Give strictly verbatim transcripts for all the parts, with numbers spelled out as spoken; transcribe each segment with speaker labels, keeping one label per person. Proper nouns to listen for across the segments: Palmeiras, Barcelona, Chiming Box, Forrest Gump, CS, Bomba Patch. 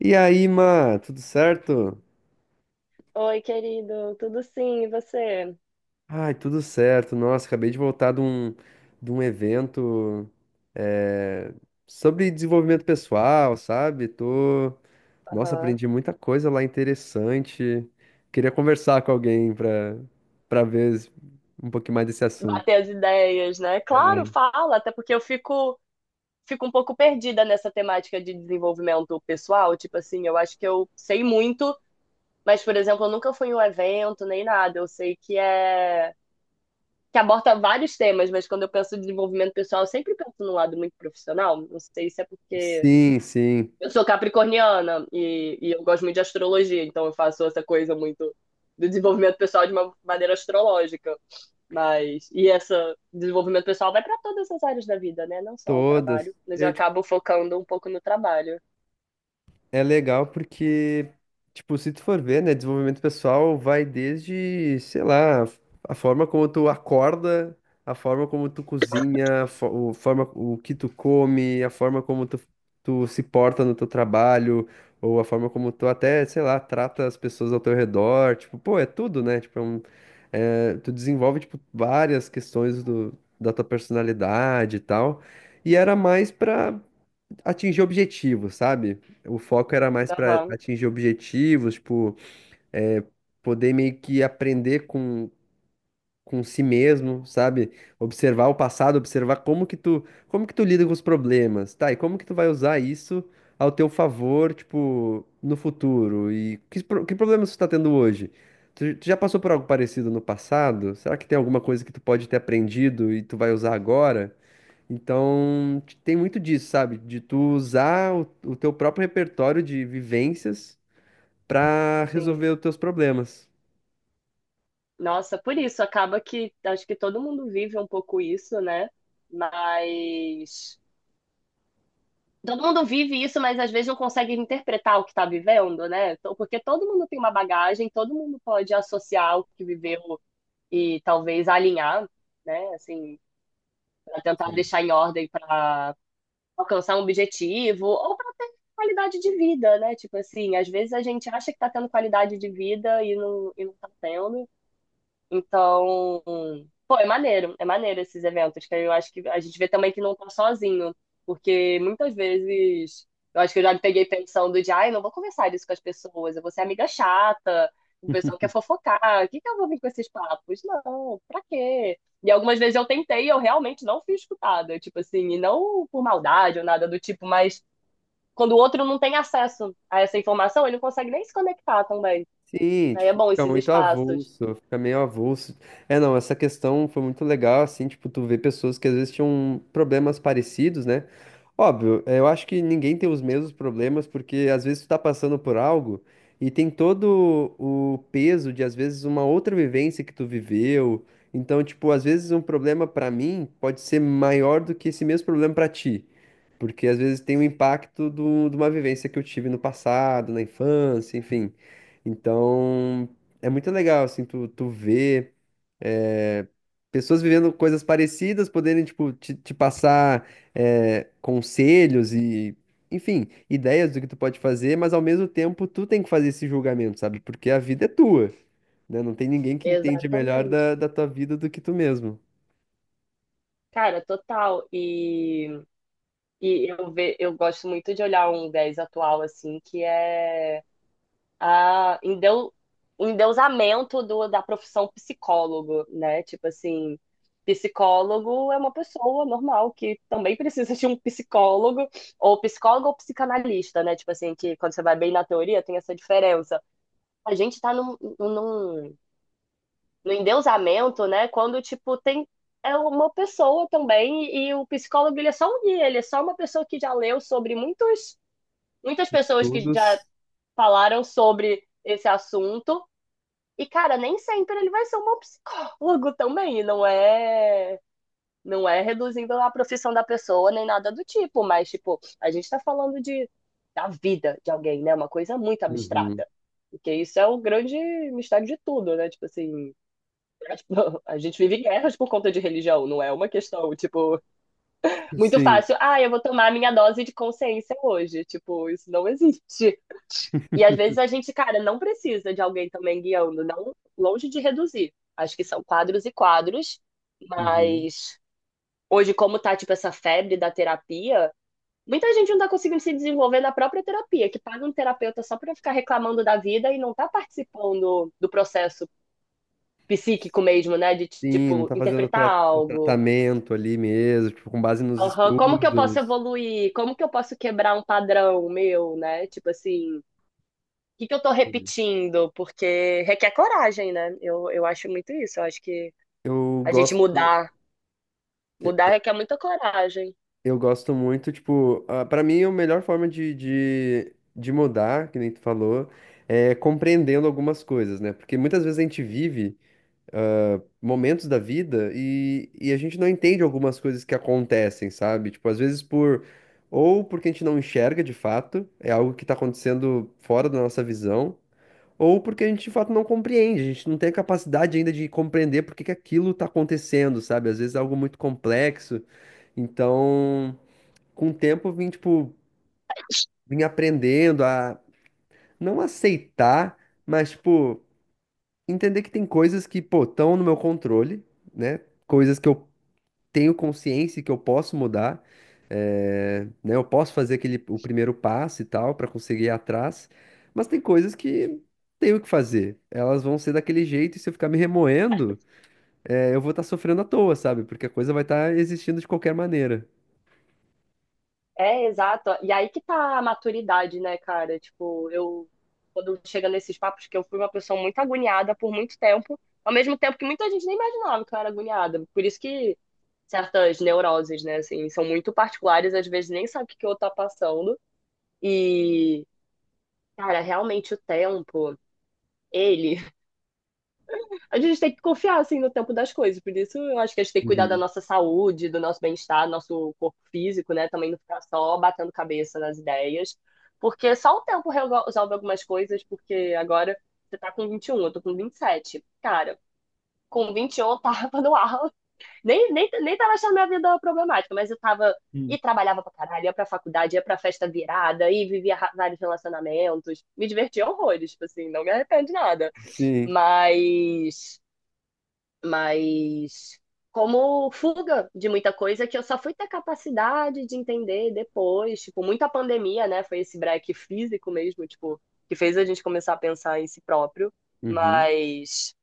Speaker 1: E aí, Má, tudo certo?
Speaker 2: Oi, querido, tudo sim, e você?
Speaker 1: Ai, tudo certo. Nossa, acabei de voltar de um, de um evento eh, sobre desenvolvimento pessoal, sabe? Tô... Nossa,
Speaker 2: Aham.
Speaker 1: aprendi muita coisa lá interessante. Queria conversar com alguém pra, pra ver um pouquinho mais desse assunto.
Speaker 2: Bater as ideias, né? Claro, fala, até porque eu fico, fico um pouco perdida nessa temática de desenvolvimento pessoal. Tipo assim, eu acho que eu sei muito, mas, por exemplo, eu nunca fui em um evento nem nada. Eu sei que é que aborda vários temas, mas quando eu penso em desenvolvimento pessoal, eu sempre penso num lado muito profissional. Não sei se é porque
Speaker 1: Sim, sim,
Speaker 2: eu sou capricorniana e, e eu gosto muito de astrologia, então eu faço essa coisa muito do desenvolvimento pessoal de uma maneira astrológica. Mas, e esse desenvolvimento pessoal vai para todas as áreas da vida, né? Não só o
Speaker 1: todas.
Speaker 2: trabalho, mas eu
Speaker 1: Eu
Speaker 2: acabo focando um pouco no trabalho.
Speaker 1: é legal porque, tipo, se tu for ver, né, desenvolvimento pessoal vai desde, sei lá, a forma como tu acorda, a forma como tu cozinha, a fo- o forma, o que tu come, a forma como tu, tu se porta no teu trabalho, ou a forma como tu até, sei lá, trata as pessoas ao teu redor, tipo, pô, é tudo, né? Tipo, é um- é, tu desenvolve, tipo, várias questões do, da tua personalidade e tal. E era mais pra atingir objetivos, sabe? O foco era mais para
Speaker 2: Aham,
Speaker 1: atingir objetivos, tipo, é, poder meio que aprender com, com si mesmo, sabe? Observar o passado, observar como que tu, como que tu lida com os problemas, tá? E como que tu vai usar isso ao teu favor, tipo, no futuro? E que, pro- que problemas tu tá tendo hoje? Tu, tu já passou por algo parecido no passado? Será que tem alguma coisa que tu pode ter aprendido e tu vai usar agora? Então, t- tem muito disso, sabe? De tu usar o, o teu próprio repertório de vivências pra resolver
Speaker 2: sim.
Speaker 1: os teus problemas.
Speaker 2: Nossa, por isso, acaba que acho que todo mundo vive um pouco isso, né? Mas. Todo mundo vive isso, mas às vezes não consegue interpretar o que está vivendo, né? Então, porque todo mundo tem uma bagagem, todo mundo pode associar o que viveu e talvez alinhar, né? Assim, para tentar
Speaker 1: Sim.
Speaker 2: deixar em ordem para alcançar um objetivo ou para ter qualidade de vida, né? Tipo assim, às vezes a gente acha que está tendo qualidade de vida e não, e não tá tendo. Então, pô, é maneiro, é maneiro esses eventos, que eu acho que a gente vê também que não tá sozinho, porque muitas vezes eu acho que eu já me peguei pensando de, ai, não vou conversar isso com as pessoas, eu vou ser amiga chata, o pessoal quer fofocar, o que que eu vou vir com esses papos? Não, pra quê? E algumas vezes eu tentei e eu realmente não fui escutada, tipo assim, e não por maldade ou nada do tipo, mas quando o outro não tem acesso a essa informação, ele não consegue nem se conectar também.
Speaker 1: Sim,
Speaker 2: Aí é
Speaker 1: tipo,
Speaker 2: bom
Speaker 1: fica
Speaker 2: esses
Speaker 1: muito
Speaker 2: espaços.
Speaker 1: avulso, fica meio avulso. É, não, essa questão foi muito legal, assim, tipo, tu vê pessoas que às vezes tinham problemas parecidos, né? Óbvio, é, eu acho que ninguém tem os mesmos problemas, porque às vezes tu tá passando por algo e tem todo o peso de, às vezes, uma outra vivência que tu viveu. Então, tipo, às vezes um problema pra mim pode ser maior do que esse mesmo problema pra ti. Porque às vezes tem o impacto do, de uma vivência que eu tive no passado, na infância, enfim. Então, é muito legal, assim, tu, tu ver eh, pessoas vivendo coisas parecidas, poderem, tipo, te, te passar eh, conselhos e, enfim, ideias do que tu pode fazer, mas ao mesmo tempo tu tem que fazer esse julgamento, sabe? Porque a vida é tua, né? Não tem ninguém que entende melhor
Speaker 2: Exatamente.
Speaker 1: da, da tua vida do que tu mesmo.
Speaker 2: Cara, total. E, e eu, ve, eu gosto muito de olhar um dez atual, assim, que é a endeu, o endeusamento do, da profissão psicólogo, né? Tipo assim, psicólogo é uma pessoa normal que também precisa de um psicólogo, ou psicólogo ou psicanalista, né? Tipo assim, que quando você vai bem na teoria tem essa diferença. A gente tá num, num no endeusamento, né? Quando, tipo, tem é uma pessoa também, e o psicólogo ele é só um guia, ele é só uma pessoa que já leu sobre muitos, muitas pessoas que já
Speaker 1: Estudos.
Speaker 2: falaram sobre esse assunto. E, cara, nem sempre ele vai ser um bom psicólogo também, não é. Não é reduzindo a profissão da pessoa nem nada do tipo, mas, tipo, a gente tá falando de, da vida de alguém, né? Uma coisa muito
Speaker 1: Uhum.
Speaker 2: abstrata. Porque isso é o grande mistério de tudo, né? Tipo assim, tipo, a gente vive guerras por conta de religião, não é uma questão, tipo, muito
Speaker 1: Sim.
Speaker 2: fácil. Ah, eu vou tomar a minha dose de consciência hoje. Tipo, isso não existe. E às vezes a gente, cara, não precisa de alguém também guiando, não longe de reduzir. Acho que são quadros e quadros,
Speaker 1: Uhum.
Speaker 2: mas hoje, como tá, tipo, essa febre da terapia, muita gente não tá conseguindo se desenvolver na própria terapia, que paga um terapeuta só pra ficar reclamando da vida e não tá participando do processo psíquico mesmo, né? De,
Speaker 1: Sim, não
Speaker 2: tipo,
Speaker 1: tá fazendo o
Speaker 2: interpretar
Speaker 1: tra- o
Speaker 2: algo.
Speaker 1: tratamento ali mesmo, tipo, com base nos
Speaker 2: Aham, como que eu posso
Speaker 1: estudos.
Speaker 2: evoluir? Como que eu posso quebrar um padrão meu, né? Tipo assim, o que que eu tô repetindo? Porque requer coragem, né? Eu, eu acho muito isso. Eu acho que
Speaker 1: Eu
Speaker 2: a gente
Speaker 1: gosto,
Speaker 2: mudar, mudar requer muita coragem.
Speaker 1: eu gosto muito, tipo, ah, pra mim a melhor forma de, de, de mudar, que nem tu falou, é compreendendo algumas coisas, né? Porque muitas vezes a gente vive ah, momentos da vida e, e a gente não entende algumas coisas que acontecem, sabe? Tipo, às vezes por. Ou porque a gente não enxerga de fato, é algo que tá acontecendo fora da nossa visão, ou porque a gente de fato não compreende, a gente não tem a capacidade ainda de compreender por que que aquilo está acontecendo, sabe? Às vezes é algo muito complexo. Então, com o tempo, eu vim, tipo, vim aprendendo a não aceitar, mas, tipo, entender que tem coisas que, pô, estão no meu controle, né? Coisas que eu tenho consciência que eu posso mudar, eh, né? Eu posso fazer aquele o primeiro passo e tal para conseguir ir atrás, mas tem coisas que tenho que fazer. Elas vão ser daquele jeito e se eu ficar me remoendo, eh, eu vou estar sofrendo à toa, sabe? Porque a coisa vai estar existindo de qualquer maneira.
Speaker 2: É, exato. E aí que tá a maturidade, né, cara? Tipo, eu, quando chega nesses papos, que eu fui uma pessoa muito agoniada por muito tempo, ao mesmo tempo que muita gente nem imaginava que eu era agoniada. Por isso que certas neuroses, né, assim, são muito particulares, às vezes nem sabe o que que o outro tá passando. E, cara, realmente o tempo, ele. A gente tem que confiar, assim, no tempo das coisas. Por isso, eu acho que a gente tem que cuidar da
Speaker 1: Uhum.
Speaker 2: nossa saúde, do nosso bem-estar, do nosso corpo físico, né? Também não ficar só batendo cabeça nas ideias. Porque só o tempo resolve algumas coisas, porque agora você tá com vinte e um, eu tô com vinte e sete. Cara, com vinte e um eu tava no ar. Nem, nem, nem tava achando minha vida problemática, mas eu tava.
Speaker 1: Hum.
Speaker 2: E trabalhava pra caralho, ia pra faculdade, ia pra festa virada, e vivia ra- vários relacionamentos. Me divertia horrores, tipo assim, não me arrependo de nada.
Speaker 1: Sim.
Speaker 2: Mas. Mas. Como fuga de muita coisa que eu só fui ter capacidade de entender depois. Tipo, muita pandemia, né? Foi esse break físico mesmo, tipo, que fez a gente começar a pensar em si próprio.
Speaker 1: Uhum.
Speaker 2: Mas.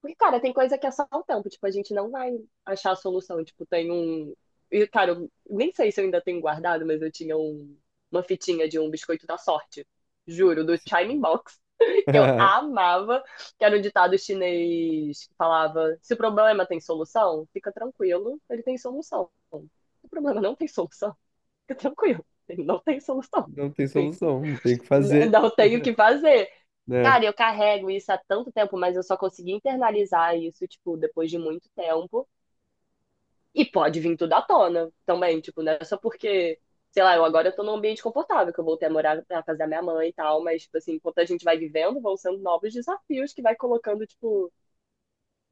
Speaker 2: Porque, cara, tem coisa que é só o tempo. Tipo, a gente não vai achar a solução. Tipo, tem um. E, cara, eu nem sei se eu ainda tenho guardado, mas eu tinha um uma fitinha de um biscoito da sorte. Juro, do
Speaker 1: Sim.
Speaker 2: Chiming Box. Que eu amava. Que era um ditado chinês que falava: se o problema tem solução, fica tranquilo, ele tem solução. Se o problema não tem solução, fica tranquilo, ele não tem solução.
Speaker 1: Não tem
Speaker 2: Assim,
Speaker 1: solução, não tem o que
Speaker 2: n-
Speaker 1: fazer,
Speaker 2: não tem o que fazer.
Speaker 1: né?
Speaker 2: Cara, eu carrego isso há tanto tempo, mas eu só consegui internalizar isso, tipo, depois de muito tempo. E pode vir tudo à tona também, tipo, não é só porque, sei lá, eu agora eu tô num ambiente confortável, que eu voltei a morar pra casa da minha mãe e tal, mas, tipo assim, enquanto a gente vai vivendo, vão sendo novos desafios que vai colocando, tipo,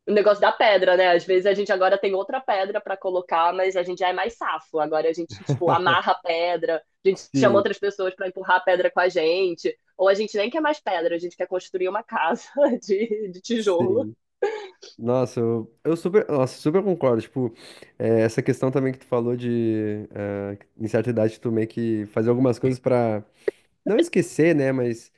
Speaker 2: o negócio da pedra, né? Às vezes a gente agora tem outra pedra para colocar, mas a gente já é mais safo. Agora a gente, tipo, amarra a pedra, a gente chama
Speaker 1: Sim,
Speaker 2: outras pessoas para empurrar a pedra com a gente, ou a gente nem quer mais pedra, a gente quer construir uma casa de, de tijolo.
Speaker 1: sim. Nossa, eu, eu super, nossa, super concordo. Tipo, eh, essa questão também que tu falou de, eh, em certa idade, tu meio que fazer algumas coisas pra não esquecer, né? Mas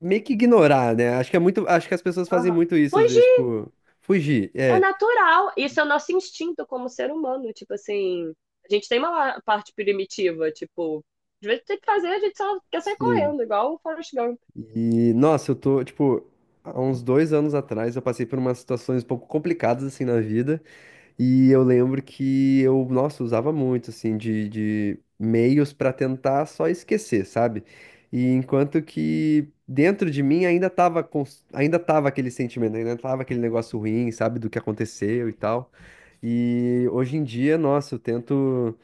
Speaker 1: meio que ignorar, né? Acho que é muito, acho que as pessoas fazem
Speaker 2: Uhum.
Speaker 1: muito isso às vezes,
Speaker 2: Fugir
Speaker 1: tipo, fugir.
Speaker 2: é
Speaker 1: É,
Speaker 2: natural. Isso é o nosso instinto como ser humano. Tipo assim, a gente tem uma parte primitiva, tipo, às vezes tem que fazer, a gente só quer sair
Speaker 1: sim.
Speaker 2: correndo, igual o Forrest Gump.
Speaker 1: E, nossa, eu tô, tipo, há uns dois anos atrás eu passei por umas situações um pouco complicadas, assim, na vida. E eu lembro que eu, nossa, usava muito, assim, de, de meios pra tentar só esquecer, sabe? E enquanto que dentro de mim ainda tava, cons- ainda tava aquele sentimento, ainda tava aquele negócio ruim, sabe, do que aconteceu e tal. E hoje em dia, nossa, eu tento.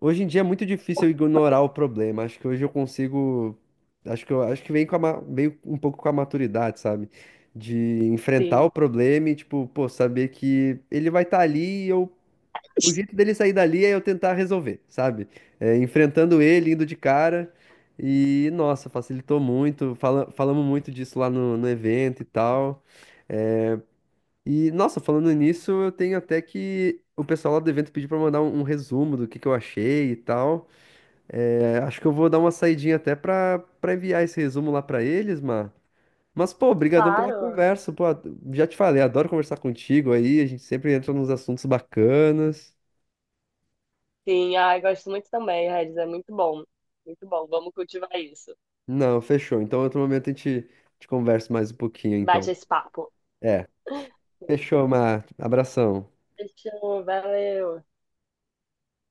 Speaker 1: Hoje em dia é muito difícil eu ignorar o problema. Acho que hoje eu consigo. Acho que eu acho que vem com a ma- veio um pouco com a maturidade, sabe? De enfrentar o
Speaker 2: Sim.
Speaker 1: problema e, tipo, pô, saber que ele vai estar ali. O jeito dele sair dali é eu tentar resolver, sabe? É, enfrentando ele, indo de cara. E, nossa, facilitou muito. Fala, falamos muito disso lá no, no evento e tal. É, e, nossa, falando nisso, eu tenho até que o pessoal lá do evento pediu pra mandar um, um resumo do que, que eu achei e tal. É, acho que eu vou dar uma saidinha até pra, pra enviar esse resumo lá pra eles, mano. Mas, pô, obrigadão pela
Speaker 2: Claro.
Speaker 1: conversa, pô. Já te falei, adoro conversar contigo aí. A gente sempre entra nos assuntos bacanas.
Speaker 2: Sim, ai, gosto muito também, Regis. É muito bom. Muito bom. Vamos cultivar isso.
Speaker 1: Não, fechou. Então, outro momento a gente, a gente conversa mais um pouquinho,
Speaker 2: Bate
Speaker 1: então.
Speaker 2: esse papo.
Speaker 1: É, fechou, Mar. Abração.
Speaker 2: Fechou, valeu.